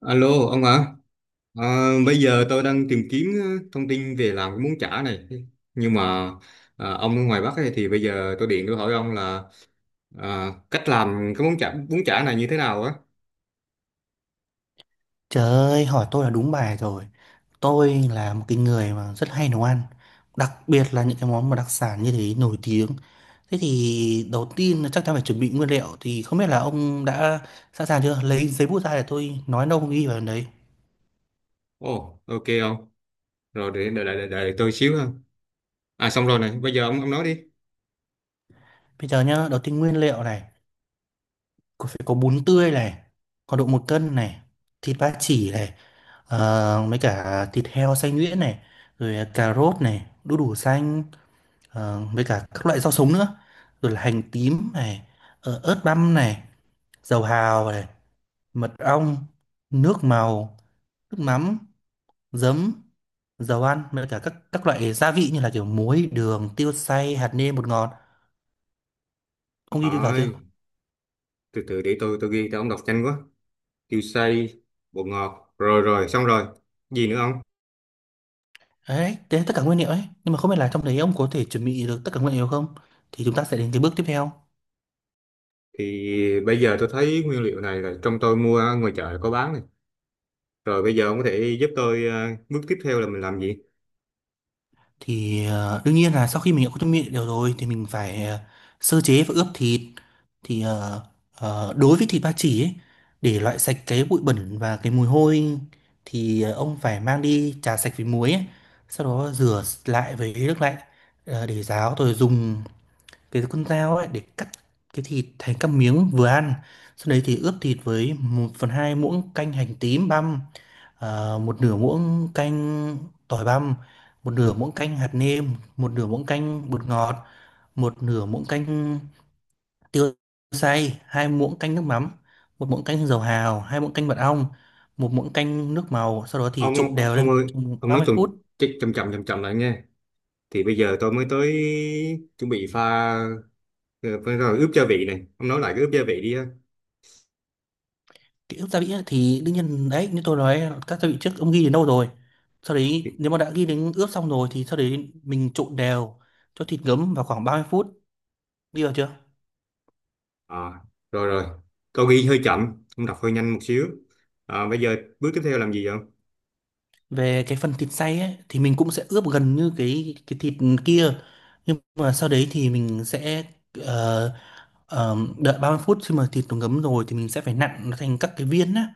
Alo ông ạ. Bây giờ tôi đang tìm kiếm thông tin về làm cái bún chả này, nhưng mà ông ở ngoài Bắc ấy, thì bây giờ tôi điện tôi hỏi ông là cách làm cái món chả bún chả này như thế nào á. Trời ơi, hỏi tôi là đúng bài rồi. Tôi là một cái người mà rất hay nấu ăn, đặc biệt là những cái món mà đặc sản như thế nổi tiếng. Thế thì đầu tiên là chắc chắn phải chuẩn bị nguyên liệu, thì không biết là ông đã sẵn sàng chưa? Lấy giấy bút ra để tôi nói nông ghi vào đấy. Ồ, ok ông, rồi để đợi tôi xíu ha. À, xong rồi này, bây giờ ông nói đi. Bây giờ nhá, đầu tiên nguyên liệu này, có phải có bún tươi này, có độ một cân này, thịt ba chỉ này, mấy cả thịt heo xay nhuyễn này, rồi cà rốt này, đu đủ xanh. Ờ, với cả các loại rau sống nữa, rồi là hành tím này, ớt băm này, dầu hào này, mật ong, nước màu, nước mắm, giấm, dầu ăn, với cả các loại gia vị như là kiểu muối, đường, tiêu xay, hạt nêm, bột ngọt. Ông ghi đi vào chưa? Ôi, từ từ để tôi ghi, tôi ông đọc nhanh quá. Tiêu xay, bột ngọt, rồi rồi xong rồi, gì nữa ông? Đấy, đấy là tất cả nguyên liệu ấy, nhưng mà không biết là trong đấy ông có thể chuẩn bị được tất cả nguyên liệu không, thì chúng ta sẽ đến cái bước tiếp theo. Thì bây giờ tôi thấy nguyên liệu này là trong tôi mua ở ngoài chợ có bán này. Rồi bây giờ ông có thể giúp tôi bước tiếp theo là mình làm gì? Thì đương nhiên là sau khi mình đã có tâm địa đều rồi thì mình phải sơ chế và ướp thịt. Thì đối với thịt ba chỉ ấy, để loại sạch cái bụi bẩn và cái mùi hôi, thì ông phải mang đi chà sạch với muối ấy. Sau đó rửa lại với nước lạnh, để ráo, rồi dùng cái con dao ấy để cắt cái thịt thành các miếng vừa ăn. Sau đấy thì ướp thịt với một phần 2 muỗng canh hành tím băm, à, một nửa muỗng canh tỏi băm, một nửa muỗng canh hạt nêm, một nửa muỗng canh bột ngọt, một nửa muỗng canh tiêu xay, hai muỗng canh nước mắm, một muỗng canh dầu hào, hai muỗng canh mật ong, một muỗng canh nước màu. Sau đó thì Ông ông, trộn ông đều lên ông ơi, trong ông ba nói mươi chậm phút chậm chậm chậm chậm lại nha. Thì bây giờ tôi mới tới chuẩn bị pha, ờ, phải rồi, ướp gia vị này. Ông nói lại cái ướp gia vị đi á. Kỹ ức gia vị ấy, thì đương nhiên đấy, như tôi nói các gia vị trước, ông ghi đến đâu rồi? Sau đấy Thì, nếu mà đã ghi đến ướp xong rồi thì sau đấy mình trộn đều cho thịt ngấm vào khoảng 30 phút. Đi vào chưa? à, rồi rồi. Câu ghi hơi chậm, ông đọc hơi nhanh một xíu. À, bây giờ bước tiếp theo làm gì vậy ông? Về cái phần thịt xay ấy, thì mình cũng sẽ ướp gần như cái thịt kia, nhưng mà sau đấy thì mình sẽ ờ, đợi 30 phút, khi mà thịt nó ngấm rồi thì mình sẽ phải nặn nó thành các cái viên á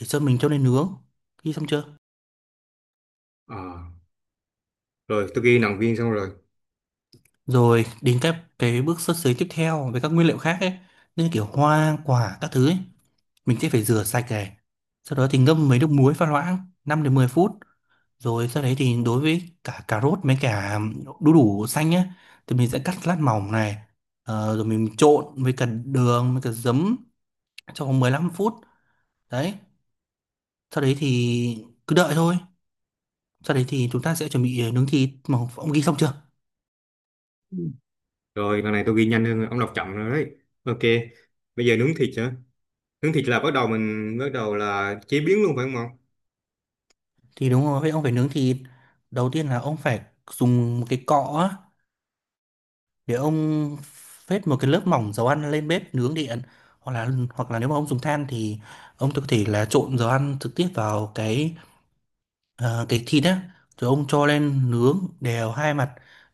để cho mình cho lên nướng. Khi xong chưa? À, rồi tôi ghi nòng viên xong rồi. Rồi đến các cái bước sơ chế tiếp theo với các nguyên liệu khác ấy, như kiểu hoa quả các thứ ấy, mình sẽ phải rửa sạch này, sau đó thì ngâm với nước muối pha loãng 5 đến 10 phút. Rồi sau đấy thì đối với cả cà rốt với cả đu đủ xanh nhé, thì mình sẽ cắt lát mỏng này, rồi mình trộn với cả đường với cả giấm trong vòng 15 phút. Đấy, sau đấy thì cứ đợi thôi. Sau đấy thì chúng ta sẽ chuẩn bị nướng thịt. Mà ông ghi xong chưa? Rồi lần này tôi ghi nhanh hơn, ông đọc chậm rồi đấy. Ok. Bây giờ nướng thịt hả? Nướng thịt là bắt đầu mình bắt đầu là chế biến luôn phải không ông? Thì đúng rồi, vậy ông phải nướng thịt. Đầu tiên là ông phải dùng một cái cọ á, để ông phết một cái lớp mỏng dầu ăn lên bếp nướng điện, hoặc là hoặc là nếu mà ông dùng than thì ông có thể là trộn dầu ăn trực tiếp vào cái. Ờ, cái thịt á, rồi ông cho lên nướng đều hai mặt,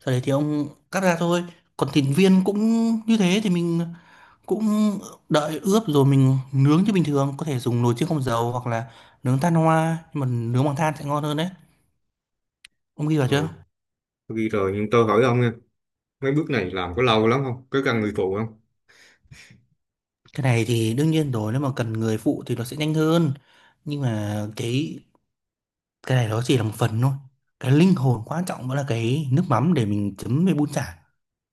sau đấy thì ông cắt ra thôi. Còn thịt viên cũng như thế thì mình cũng đợi ướp rồi mình nướng như bình thường, có thể dùng nồi chiên không dầu hoặc là nướng than hoa, nhưng mà nướng bằng than sẽ ngon hơn đấy. Ông ghi vào Ừ, chưa? tôi ghi rồi nhưng tôi hỏi ông nha, mấy bước này làm có lâu lắm không, có cần người phụ không? Cái này thì đương nhiên rồi, nếu mà cần người phụ thì nó sẽ nhanh hơn, nhưng mà cái này nó chỉ là một phần thôi. Cái linh hồn quan trọng vẫn là cái nước mắm để mình chấm với bún chả.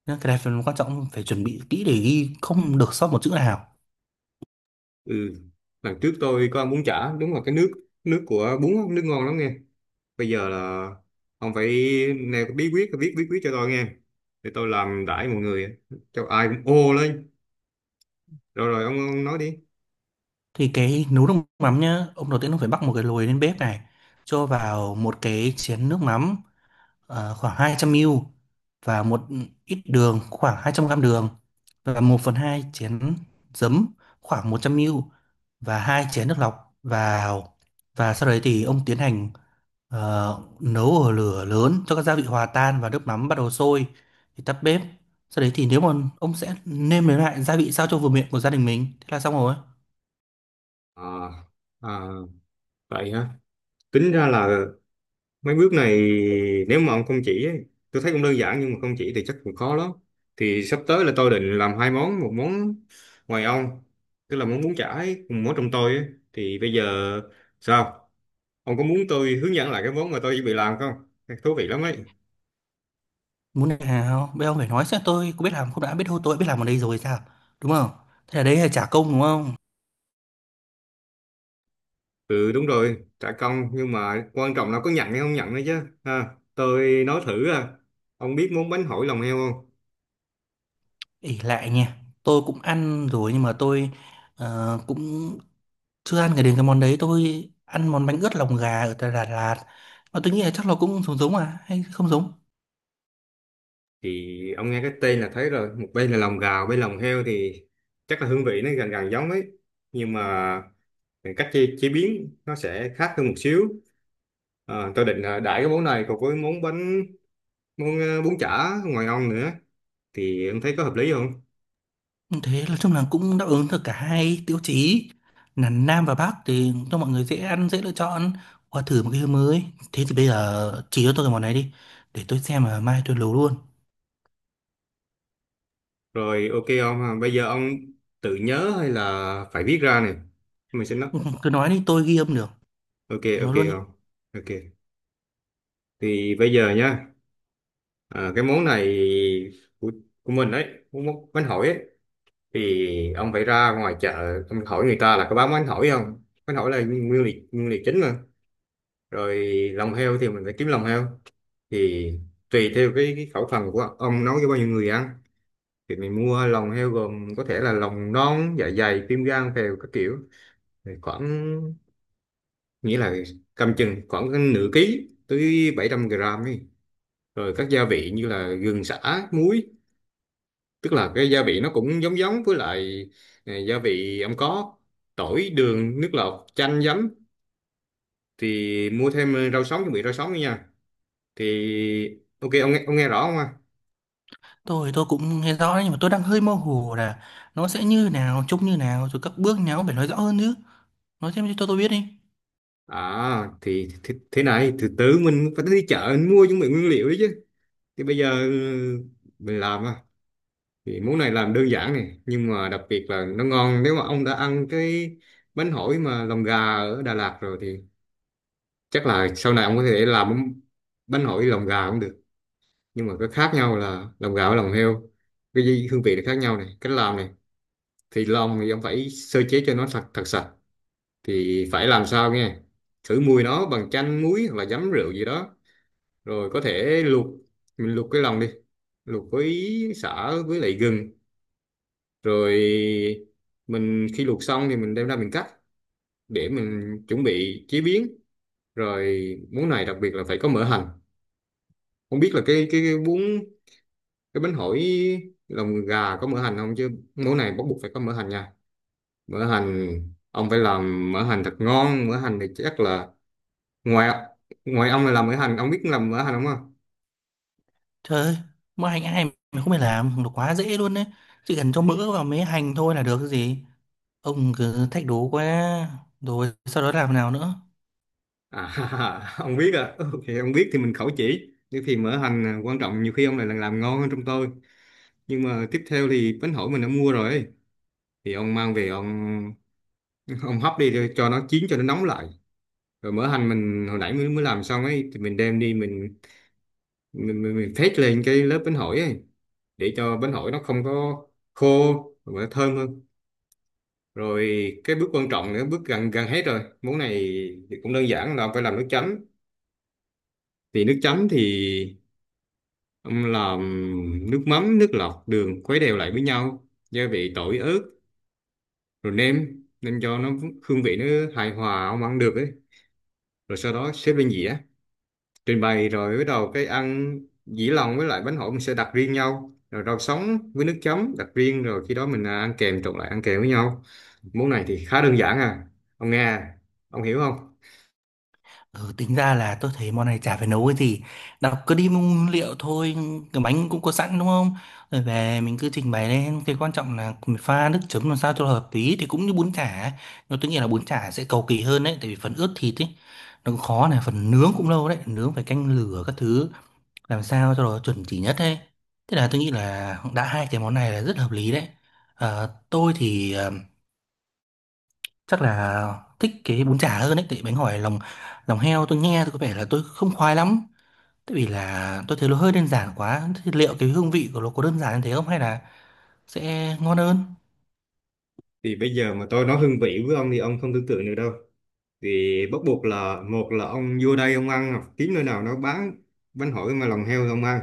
Nên cái này phần quan trọng phải chuẩn bị kỹ để ghi không được sót một chữ nào. Ừ, lần trước tôi có ăn bún chả, đúng là cái nước, nước của bún á, nước ngon lắm nghe. Bây giờ là ông phải nêu cái bí quyết, viết bí quyết cho tôi nghe để tôi làm đãi mọi người, cho ai cũng ô lên. Rồi rồi ông nói đi. Thì cái nấu nước mắm nhá ông, đầu tiên ông phải bắc một cái lồi lên bếp này, cho vào một cái chén nước mắm, khoảng 200 ml, và một ít đường khoảng 200 gam đường, và một phần 2 chén giấm khoảng 100 ml, và hai chén nước lọc vào. Và sau đấy thì ông tiến hành. Ờ, nấu ở lửa lớn cho các gia vị hòa tan và nước mắm bắt đầu sôi thì tắt bếp. Sau đấy thì nếu mà ông sẽ nêm nếm lại gia vị sao cho vừa miệng của gia đình mình, thế là xong rồi. À, à, vậy hả. Tính ra là mấy bước này, nếu mà ông không chỉ ấy, tôi thấy cũng đơn giản, nhưng mà không chỉ thì chắc cũng khó lắm. Thì sắp tới là tôi định làm hai món, một món ngoài ông, tức là món bún chả ấy, một món trong tôi ấy. Thì bây giờ sao? Ông có muốn tôi hướng dẫn lại cái món mà tôi chuẩn bị làm không? Thú vị lắm ấy. Muốn này nào? Bây giờ ông phải nói xem tôi có biết làm không, đã biết thôi tôi đã biết làm ở đây rồi sao? Đúng không? Thế là đấy là trả công đúng không? Ừ đúng rồi, trả công, nhưng mà quan trọng là có nhận hay không nhận nữa chứ. Ha, tôi nói thử à. Ông biết món bánh hỏi lòng heo không? Ỷ lại nha. Tôi cũng ăn rồi nhưng mà tôi cũng chưa ăn cái đến cái món đấy, tôi ăn món bánh ướt lòng gà ở tại Đà Lạt. Mà tôi nghĩ là chắc nó cũng giống giống, à hay không giống? Thì ông nghe cái tên là thấy rồi, một bên là lòng gà, bên lòng heo thì chắc là hương vị nó gần gần giống ấy, nhưng mà cách chế biến nó sẽ khác hơn một xíu. À, tôi định là đãi cái món này cùng với món bánh, món bún chả ngoài ông nữa, thì ông thấy có hợp lý không? Thế nói chung là cũng đáp ứng được cả hai tiêu chí, là Nam và Bắc, thì cho mọi người dễ ăn dễ lựa chọn, qua thử một cái hướng mới. Thế thì bây giờ chỉ cho tôi cái món này đi, để tôi xem mà mai tôi nấu luôn Rồi ok ông, bây giờ ông tự nhớ hay là phải viết ra này, mình sẽ nói. Ừ, cứ nói đi, tôi ghi âm được. ok Nói ok luôn đi. ông. Ok, thì bây giờ nha, cái món này của, của mình đấy, món món bánh hỏi ấy, thì ông phải ra ngoài chợ ông hỏi người ta là có bán bánh hỏi không. Bánh hỏi là nguyên liệu chính mà. Rồi lòng heo thì mình phải kiếm lòng heo. Thì tùy theo cái khẩu phần của ông nấu cho bao nhiêu người ăn, thì mình mua lòng heo gồm có thể là lòng non, dạ dày, tim, gan, phèo các kiểu. Thì khoảng, nghĩa là cầm chừng khoảng cái nửa ký tới 700 gram ấy. Rồi các gia vị như là gừng, sả, muối, tức là cái gia vị nó cũng giống giống với lại gia vị ông có: tỏi, đường, nước lọc, chanh, giấm. Thì mua thêm rau sống, chuẩn bị rau sống nữa nha. Thì ok ông nghe rõ không ạ? Tôi cũng nghe rõ đấy, nhưng mà tôi đang hơi mơ hồ là nó sẽ như nào, trông như nào, rồi các bước nào cũng phải nói rõ hơn chứ. Nói thêm cho tôi biết đi. À thì thế này, từ từ mình phải đi chợ mình mua chuẩn bị nguyên liệu đấy chứ. Thì bây giờ ừ, mình làm à, thì món này làm đơn giản này, nhưng mà đặc biệt là nó ngon. Nếu mà ông đã ăn cái bánh hỏi mà lòng gà ở Đà Lạt rồi thì chắc là sau này ông có thể làm bánh hỏi lòng gà cũng được, nhưng mà cái khác nhau là lòng gạo, lòng heo. Hương vị là khác nhau này, cách làm này. Thì lòng thì ông phải sơ chế cho nó thật thật sạch. Thì phải làm sao nghe, khử mùi nó bằng chanh muối hoặc là giấm rượu gì đó. Rồi có thể luộc, mình luộc cái lòng đi, luộc với sả với lại gừng. Rồi mình khi luộc xong thì mình đem ra mình cắt để mình chuẩn bị chế biến. Rồi món này đặc biệt là phải có mỡ hành. Không biết là cái bún, cái bánh hỏi lòng gà có mỡ hành không, chứ món này bắt buộc phải có mỡ hành nha. Mỡ hành, ông phải làm mỡ hành thật ngon. Mỡ hành thì chắc là ngoài ngoài ông là làm mỡ hành, ông biết làm mỡ hành không ạ? Trời ơi, mua hành ai mà không phải làm, nó quá dễ luôn đấy, chỉ cần cho mỡ vào mấy hành thôi là được, cái gì. Ông cứ thách đố quá. Rồi sau đó làm nào nữa? À ông biết à ok ông biết thì mình khẩu chỉ nhưng thì mỡ hành à, quan trọng nhiều khi ông lại là làm ngon hơn trong tôi. Nhưng mà tiếp theo thì bánh hỏi mình đã mua rồi, thì ông mang về ông ông hấp đi rồi cho nó chín cho nó nóng lại. Rồi mỡ hành mình hồi nãy mới mới làm xong ấy thì mình đem đi mình, mình phết lên cái lớp bánh hỏi ấy để cho bánh hỏi nó không có khô mà nó thơm hơn. Rồi cái bước quan trọng nữa, bước gần gần hết rồi món này, thì cũng đơn giản là phải làm nước chấm. Thì nước chấm thì ông làm nước mắm, nước lọc, đường, khuấy đều lại với nhau, gia vị tỏi ớt, rồi nêm nêm cho nó hương vị nó hài hòa, ông ăn được ấy. Rồi sau đó xếp lên dĩa, trình bày rồi bắt đầu cái ăn. Dĩ lòng với lại bánh hỏi mình sẽ đặt riêng nhau, rồi rau sống với nước chấm đặt riêng, rồi khi đó mình ăn kèm, trộn lại ăn kèm với nhau. Món này thì khá đơn giản à, ông nghe à? Ông hiểu không? Ừ, tính ra là tôi thấy món này chả phải nấu cái gì. Đọc cứ đi mua nguyên liệu thôi. Cái bánh cũng có sẵn đúng không? Rồi về mình cứ trình bày lên. Cái quan trọng là mình pha nước chấm làm sao cho hợp lý. Thì cũng như bún chả. Nhưng tôi nghĩ là bún chả sẽ cầu kỳ hơn đấy, tại vì phần ướp thịt ấy, nó cũng khó này. Phần nướng cũng lâu đấy, nướng phải canh lửa các thứ, làm sao cho nó chuẩn chỉ nhất đấy. Thế là tôi nghĩ là đã hai cái món này là rất hợp lý đấy. Ờ, tôi thì chắc là thích cái bún chả hơn ấy, tại bánh hỏi lòng lòng heo tôi nghe tôi có vẻ là tôi không khoái lắm, tại vì là tôi thấy nó hơi đơn giản quá. Thế liệu cái hương vị của nó có đơn giản như thế không, hay là sẽ ngon hơn? Thì bây giờ mà tôi nói hương vị với ông thì ông không tưởng tượng được đâu. Thì bắt buộc là, một là ông vô đây ông ăn, hoặc kiếm nơi nào nó bán bánh hỏi mà lòng heo thì ông ăn.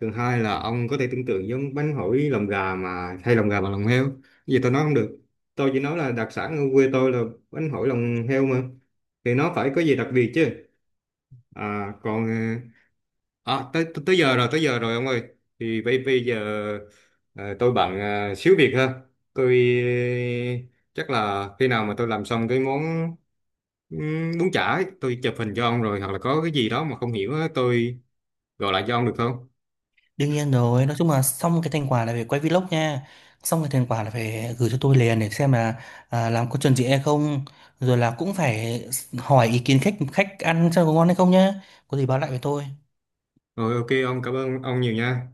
Thứ hai là ông có thể tưởng tượng giống bánh hỏi lòng gà mà thay lòng gà bằng lòng heo. Cái gì tôi nói không được, tôi chỉ nói là đặc sản ở quê tôi là bánh hỏi lòng heo mà, thì nó phải có gì đặc biệt chứ. À, còn à, tới tới giờ rồi ông ơi. Thì bây bây giờ ờ, tôi bận xíu việc ha. Tôi chắc là khi nào mà tôi làm xong cái món bún chả ấy, tôi chụp hình cho ông, rồi hoặc là có cái gì đó mà không hiểu á, tôi gọi lại cho ông được không? Đương nhiên rồi, nói chung là xong cái thành quả là phải quay vlog nha. Xong cái thành quả là phải gửi cho tôi liền để xem là à, làm có chuẩn gì hay không. Rồi là cũng phải hỏi ý kiến khách khách ăn xem có ngon hay không nhá. Có gì báo lại với tôi. Rồi ok, ông, cảm ơn ông nhiều nha.